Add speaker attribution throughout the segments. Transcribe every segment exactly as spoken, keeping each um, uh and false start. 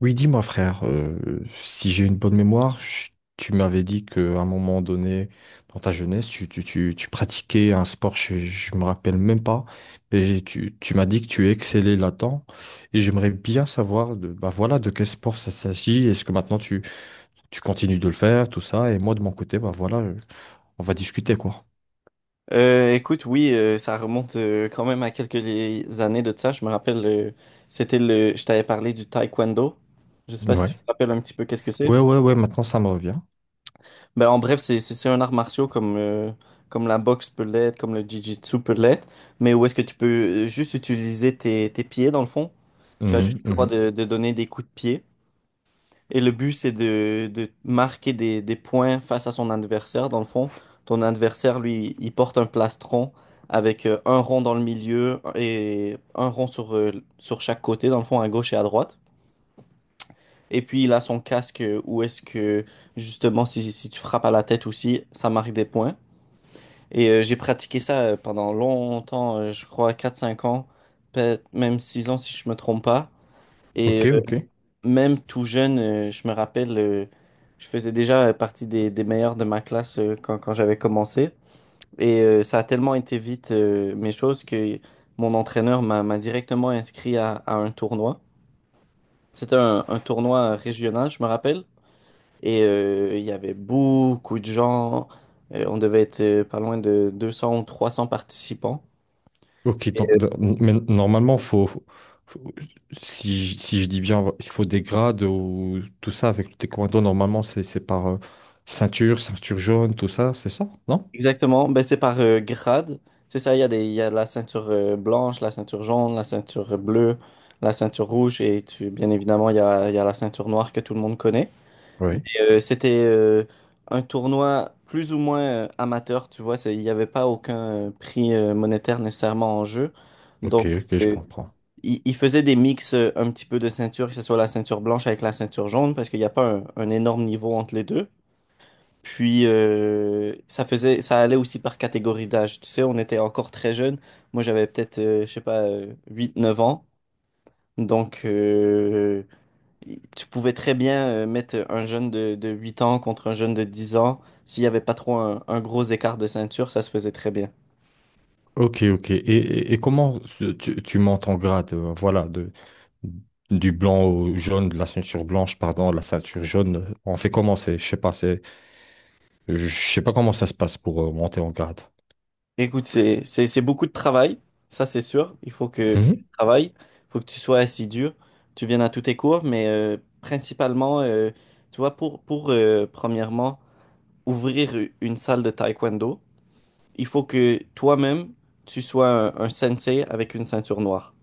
Speaker 1: Oui, dis-moi frère, euh, si j'ai une bonne mémoire, je- tu m'avais dit qu'à un moment donné, dans ta jeunesse, tu, tu, tu, tu pratiquais un sport, je, je me rappelle même pas, mais tu, tu m'as dit que tu excellais là-dedans, et j'aimerais bien savoir de, bah voilà, de quel sport ça s'agit, est-ce que maintenant tu, tu continues de le faire, tout ça, et moi de mon côté, bah voilà, euh, on va discuter quoi.
Speaker 2: Euh, écoute, oui, euh, ça remonte euh, quand même à quelques les- années de ça. Je me rappelle, euh, c'était le, je t'avais parlé du taekwondo. Je sais pas si tu
Speaker 1: Ouais.
Speaker 2: te rappelles un petit peu qu'est-ce que c'est.
Speaker 1: Ouais, ouais, ouais, maintenant ça me revient.
Speaker 2: Ben, en bref, c'est c'est c'est un art martial comme euh, comme la boxe peut l'être, comme le jiu-jitsu peut l'être, mais où est-ce que tu peux euh, juste utiliser tes, tes pieds dans le fond. Tu as juste
Speaker 1: Mhm,
Speaker 2: le droit
Speaker 1: mhm.
Speaker 2: de, de donner des coups de pied. Et le but, c'est de, de marquer des, des points face à son adversaire. Dans le fond, ton adversaire, lui, il porte un plastron avec euh, un rond dans le milieu et un rond sur, euh, sur chaque côté, dans le fond, à gauche et à droite. Et puis, il a son casque euh, où est-ce que, justement, si, si tu frappes à la tête aussi, ça marque des points. Et euh, j'ai pratiqué ça euh, pendant longtemps, euh, je crois quatre cinq ans, peut-être même six ans si je me trompe pas.
Speaker 1: Ok,
Speaker 2: Et euh,
Speaker 1: ok.
Speaker 2: même tout jeune, euh, je me rappelle, euh, je faisais déjà euh, partie des, des meilleurs de ma classe euh, quand, quand j'avais commencé. Et euh, ça a tellement été vite euh, mes choses que mon entraîneur m'a m'a directement inscrit à, à un tournoi. C'était un, un tournoi régional, je me rappelle. Et euh, il y avait beaucoup de gens. Euh, on devait être euh, pas loin de deux cents ou trois cents participants.
Speaker 1: Ok, donc, de- mais normalement, faut, faut- faut- si, je si je dis bien, il faut des grades ou tout ça avec le taekwondo. Normalement, c'est c'est par euh, ceinture, ceinture jaune, tout ça, c'est ça, non?
Speaker 2: Exactement, ben, c'est par euh, grade. C'est ça, il y a des, il y a la ceinture euh, blanche, la ceinture jaune, la ceinture bleue, la ceinture rouge et tu, bien évidemment, il y a, il y a la ceinture noire que tout le monde connaît. Mais
Speaker 1: Oui.
Speaker 2: euh, c'était euh, un tournoi plus ou moins euh, amateur, tu vois, c'est- il n'y avait pas aucun euh, prix euh, monétaire nécessairement en jeu.
Speaker 1: Ok,
Speaker 2: Donc,
Speaker 1: ok, je
Speaker 2: euh,
Speaker 1: comprends.
Speaker 2: il, il faisait des mix euh, un petit peu de ceinture, que ce soit la ceinture blanche avec la ceinture jaune, parce qu'il n'y a pas un un énorme niveau entre les deux. Puis euh, ça faisait, ça allait aussi par catégorie d'âge. Tu sais, on était encore très jeunes. Moi, j'avais peut-être, euh, je sais pas, euh, huit, neuf ans. Donc, euh, y- tu pouvais très bien euh, mettre un jeune de, de huit ans contre un jeune de dix ans. S'il n'y avait pas trop un, un gros écart de ceinture, ça se faisait très bien.
Speaker 1: Ok, ok. Et, et- et comment tu, tu tu montes en grade, euh, voilà, de, du blanc au jaune, de la ceinture blanche, pardon, la ceinture jaune. euh, On fait comment c'est, je sais pas, c'est, je sais pas comment ça se passe pour euh, monter en grade.
Speaker 2: Écoute, c'est, c'est, c'est beaucoup de travail, ça c'est sûr. Il faut que, que tu
Speaker 1: Mhm.
Speaker 2: travailles, il faut que tu sois assidu, tu viennes à tous tes cours, mais euh, principalement, euh, tu vois, pour, pour euh, premièrement, ouvrir une salle de taekwondo, il faut que toi-même, tu sois un, un sensei avec une ceinture noire.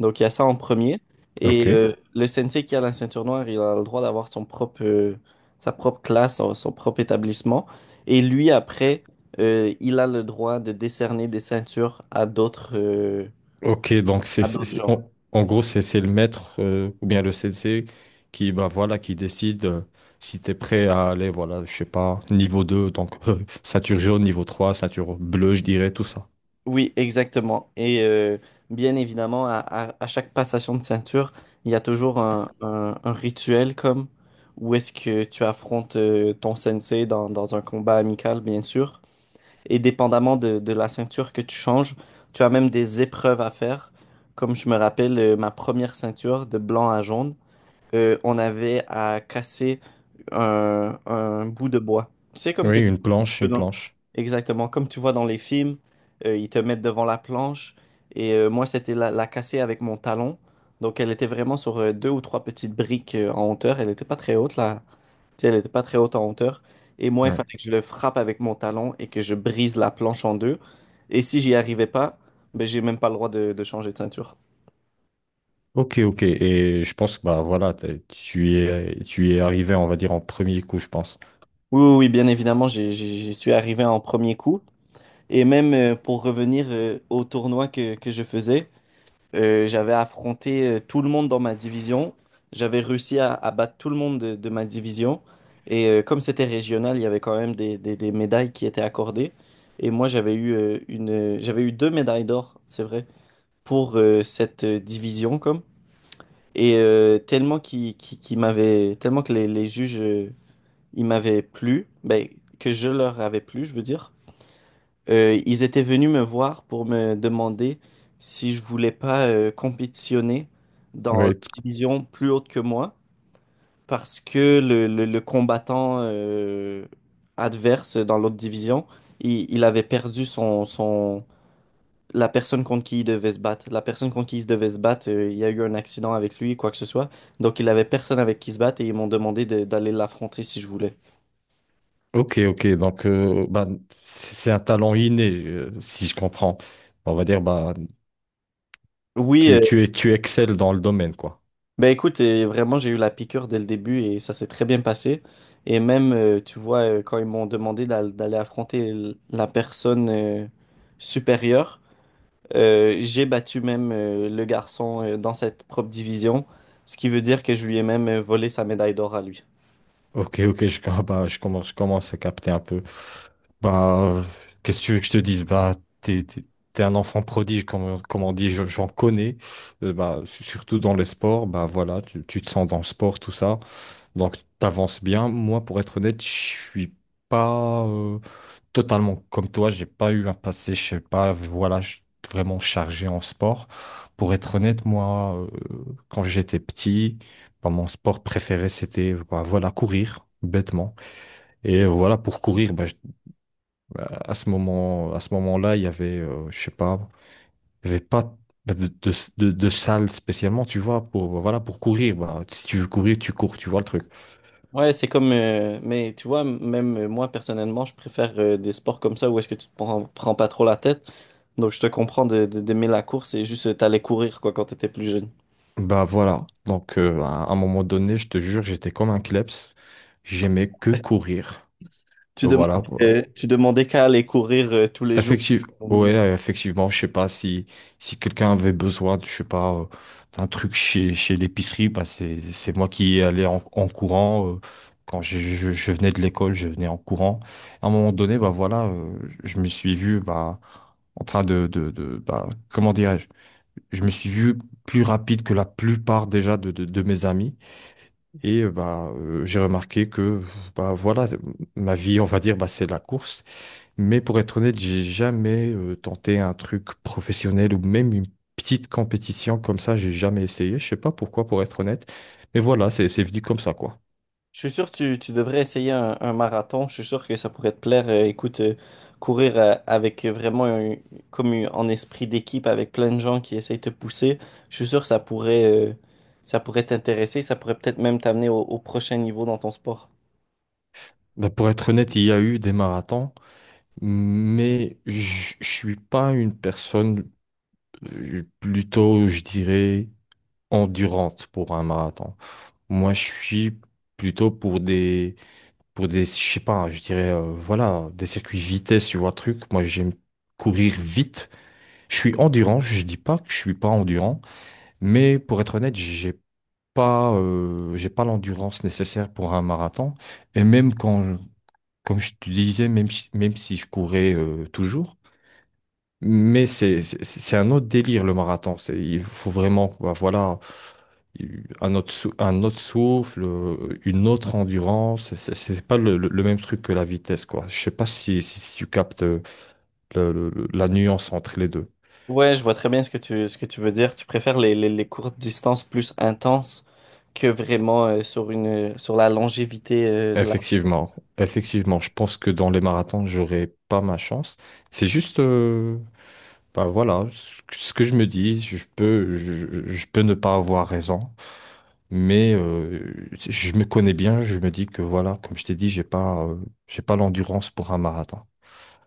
Speaker 2: Donc, il y a ça en premier.
Speaker 1: Ok.
Speaker 2: Et euh, le sensei qui a la ceinture noire, il a le droit d'avoir son propre, euh, sa propre classe, son, son propre établissement. Et lui, après, euh, il a le droit de décerner des ceintures à d'autres euh,
Speaker 1: Ok, donc c'est, c'est- c'est- en, en gros, c'est c'est le maître euh, ou bien le sensei qui, bah, voilà, qui décide euh, si tu es prêt à aller, voilà, je sais pas, niveau deux donc euh, ceinture jaune, niveau trois ceinture bleue, je dirais, tout ça.
Speaker 2: Oui, exactement. Et euh, bien évidemment, à, à- à chaque passation de ceinture, il y a toujours un, un- un rituel comme où est-ce que tu affrontes euh, ton sensei dans, dans un combat amical, bien sûr. Et dépendamment de, de la ceinture que tu changes, tu as même des épreuves à faire. Comme je me rappelle, euh, ma première ceinture de blanc à jaune euh, on avait à casser un, un bout de bois. C'est comme que
Speaker 1: Oui,
Speaker 2: tu
Speaker 1: une
Speaker 2: vois un
Speaker 1: planche,
Speaker 2: peu
Speaker 1: une
Speaker 2: dans-
Speaker 1: planche.
Speaker 2: Exactement, comme tu vois dans les films, euh, ils te mettent devant la planche et euh, moi c'était la, la casser avec mon talon. Donc elle était vraiment sur euh, deux ou trois petites briques euh, en hauteur, elle n'était pas très haute là, tu sais, elle n'était pas très haute en hauteur. Et moi il
Speaker 1: Ouais.
Speaker 2: fallait que je le frappe avec mon talon et que je brise la planche en deux. Et si j'y arrivais pas, ben j'ai même pas le droit de, de changer de ceinture.
Speaker 1: Ok, ok. Et je pense que bah, voilà, t'es- tu y es, tu y es arrivé, on va dire, en premier coup, je pense.
Speaker 2: Oui, oui, oui, bien évidemment, j'ai- j'ai- j'y suis arrivé en premier coup. Et même euh, pour revenir euh, au tournoi que, que je faisais, euh, j'avais affronté euh, tout le monde dans ma division. J'avais réussi à, à battre tout le monde de, de ma division. Et euh, comme c'était régional, il y avait quand même des, des- des médailles qui étaient accordées. Et moi, j'avais eu, euh, une, euh, j'avais eu deux médailles d'or, c'est vrai, pour euh, cette euh, division, comme. Et euh, tellement qui, qui, qui m'avait, tellement que les, les juges, euh, ils m'avaient plu, ben, que je leur avais plu, je veux dire. Euh, ils étaient venus me voir pour me demander si je voulais pas euh, compétitionner dans la
Speaker 1: Oui. t-
Speaker 2: division plus haute que moi parce que le, le- le combattant euh, adverse dans l'autre division, il, il avait perdu son, son la personne contre qui il devait se battre. La personne contre qui il devait se battre, euh, il y a eu un accident avec lui, quoi que ce soit. Donc il avait personne avec qui se battre et ils m'ont demandé de- d'aller l'affronter si je voulais.
Speaker 1: Ok, ok. Donc, euh, bah, c'est c'est un talent inné, euh, si je comprends. On va dire, bah,
Speaker 2: Oui, euh,
Speaker 1: tu, tu, es, tu excelles dans le domaine, quoi.
Speaker 2: Ben écoute, euh, vraiment, j'ai eu la piqûre dès le début et ça s'est très bien passé. Et même, euh, tu vois, euh, quand ils m'ont demandé d'al- d'aller affronter l- la personne euh, supérieure, euh, j'ai battu même euh, le garçon euh, dans cette propre division, ce qui veut dire que je lui ai même euh, volé sa médaille d'or à lui.
Speaker 1: Ok, ok, je, com- bah, je commence, je commence à capter un peu. Bah, euh, qu'est-ce que tu veux que je te dise? Bah, t'es, t'es- t'es un enfant prodige, comme, comme on dit, je- j'en connais. Euh, bah, su- surtout dans les sports, bah voilà, tu, tu te sens dans le sport, tout ça. Donc, t'avances bien. Moi, pour être honnête, je suis pas euh, totalement comme toi. J'ai pas eu un passé, je sais pas, voilà, je suis vraiment chargé en sport. Pour être honnête, moi, euh, quand j'étais petit, bah, mon sport préféré, c'était, bah, voilà, courir, bêtement. Et euh, voilà, pour courir, bah, à ce moment, à ce moment-là, il y avait, euh, je sais pas, il y avait pas bah, de, de, de, de salle spécialement, tu vois, pour, voilà, pour courir. Bah, si tu veux courir, tu cours, tu vois le truc.
Speaker 2: Ouais, c'est comme... euh, mais tu vois, m- même euh, moi, personnellement, je préfère euh, des sports comme ça où est-ce que tu te prends, prends pas trop la tête. Donc, je te comprends de- de- d'aimer la course et juste euh, t'allais courir, quoi, quand t'étais plus jeune.
Speaker 1: Bah voilà. Donc, euh, à un moment donné, je te jure, j'étais comme un kleps. J'aimais que courir.
Speaker 2: Tu
Speaker 1: Voilà. Voilà.
Speaker 2: demandais, tu demandais qu'à aller courir euh, tous les jours.
Speaker 1: Effective- ouais, euh, effectivement, je sais pas si, si quelqu'un avait besoin, de- je sais pas, euh, d'un truc chez, chez l'épicerie, bah c'est, c'est moi qui y allais en, en courant. Euh, quand je, je, je venais de l'école, je venais en courant. À un moment donné, bah voilà, euh, je me suis vu, bah, en train de, de, de bah, comment dirais-je? Je me suis vu plus rapide que la plupart déjà de, de, de mes amis. Et euh, bah, euh, j'ai remarqué que bah, voilà, ma vie, on va dire, bah, c'est la course. Mais pour être honnête, j'ai jamais euh, tenté un truc professionnel ou même une petite compétition comme ça, j'ai jamais essayé. Je sais pas pourquoi, pour être honnête. Mais voilà, c'est c'est venu comme ça, quoi.
Speaker 2: Je suis sûr que tu, tu devrais essayer un, un marathon. Je suis sûr que ça pourrait te plaire. Euh, écoute, euh, courir euh, avec vraiment un- comme une- en esprit d'équipe avec plein de gens qui essayent de te pousser. Je suis sûr que ça pourrait, euh, ça pourrait t'intéresser. Ça pourrait peut-être même t'amener au, au prochain niveau dans ton sport.
Speaker 1: Bah, pour être honnête, il y a eu des marathons, mais je je suis pas une personne euh, plutôt, je dirais, endurante pour un marathon. Moi, je suis plutôt pour des, pour des, je sais pas, je dirais, euh, voilà, des circuits vitesse, tu vois, truc. Moi, j'aime courir vite. Je suis endurant, je dis pas que je suis pas endurant, mais pour être honnête, j'ai pas, euh, j'ai pas l'endurance nécessaire pour un marathon. Et même quand, je- comme je te disais, même si, même si je courais euh, toujours, mais c'est c'est c'est un autre délire le marathon. C'est, il faut vraiment, bah, voilà, un autre, sou- un autre souffle, euh, une autre endurance. C'est c'est pas le, le- le même truc que la vitesse, quoi. Je sais pas si, si, si tu captes euh, le- le- le- la nuance entre les deux.
Speaker 2: Ouais, je vois très bien ce que tu, ce que tu veux dire. Tu préfères les, les, les courtes distances plus intenses que vraiment euh, sur une, sur la longévité euh, de la
Speaker 1: Effectivement, effectivement, je pense que dans les marathons, j'aurai pas ma chance. C'est juste, euh, bah voilà, ce que ce que je me dis, je peux, je, je peux ne pas avoir raison, mais euh, je me connais bien, je me dis que voilà, comme je t'ai dit, j'ai pas, euh, j'ai pas l'endurance pour un marathon.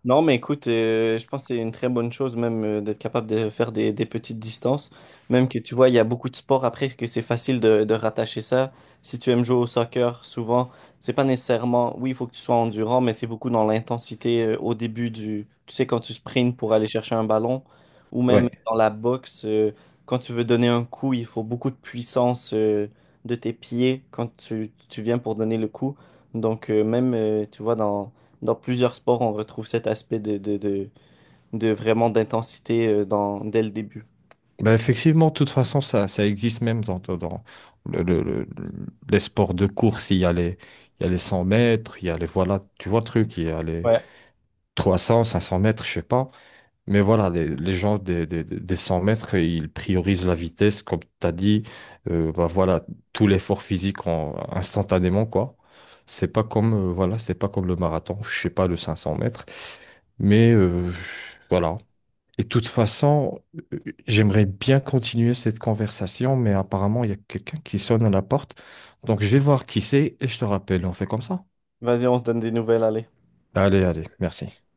Speaker 2: Non, mais écoute, euh, je pense que c'est une très bonne chose même euh, d'être capable de faire des, des petites distances. Même que tu vois, il y a beaucoup de sports après que c'est facile de, de rattacher ça. Si tu aimes jouer au soccer, souvent, c'est pas nécessairement, oui, il faut que tu sois endurant, mais c'est beaucoup dans l'intensité euh, au début du, tu sais, quand tu sprints pour aller chercher un ballon, ou même
Speaker 1: Ouais.
Speaker 2: dans la boxe, euh, quand tu veux donner un coup, il faut beaucoup de puissance euh, de tes pieds quand tu, tu viens pour donner le coup. Donc, euh, même, euh, tu vois, dans dans plusieurs sports, on retrouve cet aspect de, de, de, de vraiment d'intensité euh, dans, dès le début.
Speaker 1: Bah effectivement, de toute façon, ça, ça existe même dans, dans, dans le, le- le- les sports de course. Il y a les, il y a les cent mètres, il y a les, voilà, tu vois le truc, il y a les
Speaker 2: Ouais.
Speaker 1: trois cents cinq cents mètres, je sais pas. Mais voilà, les, les gens des, des, des cent mètres, ils priorisent la vitesse, comme tu as dit, euh, bah voilà, tout l'effort physique en- instantanément, quoi. C'est pas comme, euh, voilà, c'est pas comme le marathon, je sais pas, le cinq cents mètres. Mais euh, voilà. Et de toute façon, euh, j'aimerais bien continuer cette conversation, mais apparemment, il y a quelqu'un qui sonne à la porte. Donc, je vais voir qui c'est et je te rappelle, on fait comme ça.
Speaker 2: Vas-y, on se donne des nouvelles, allez.
Speaker 1: Allez, allez, merci.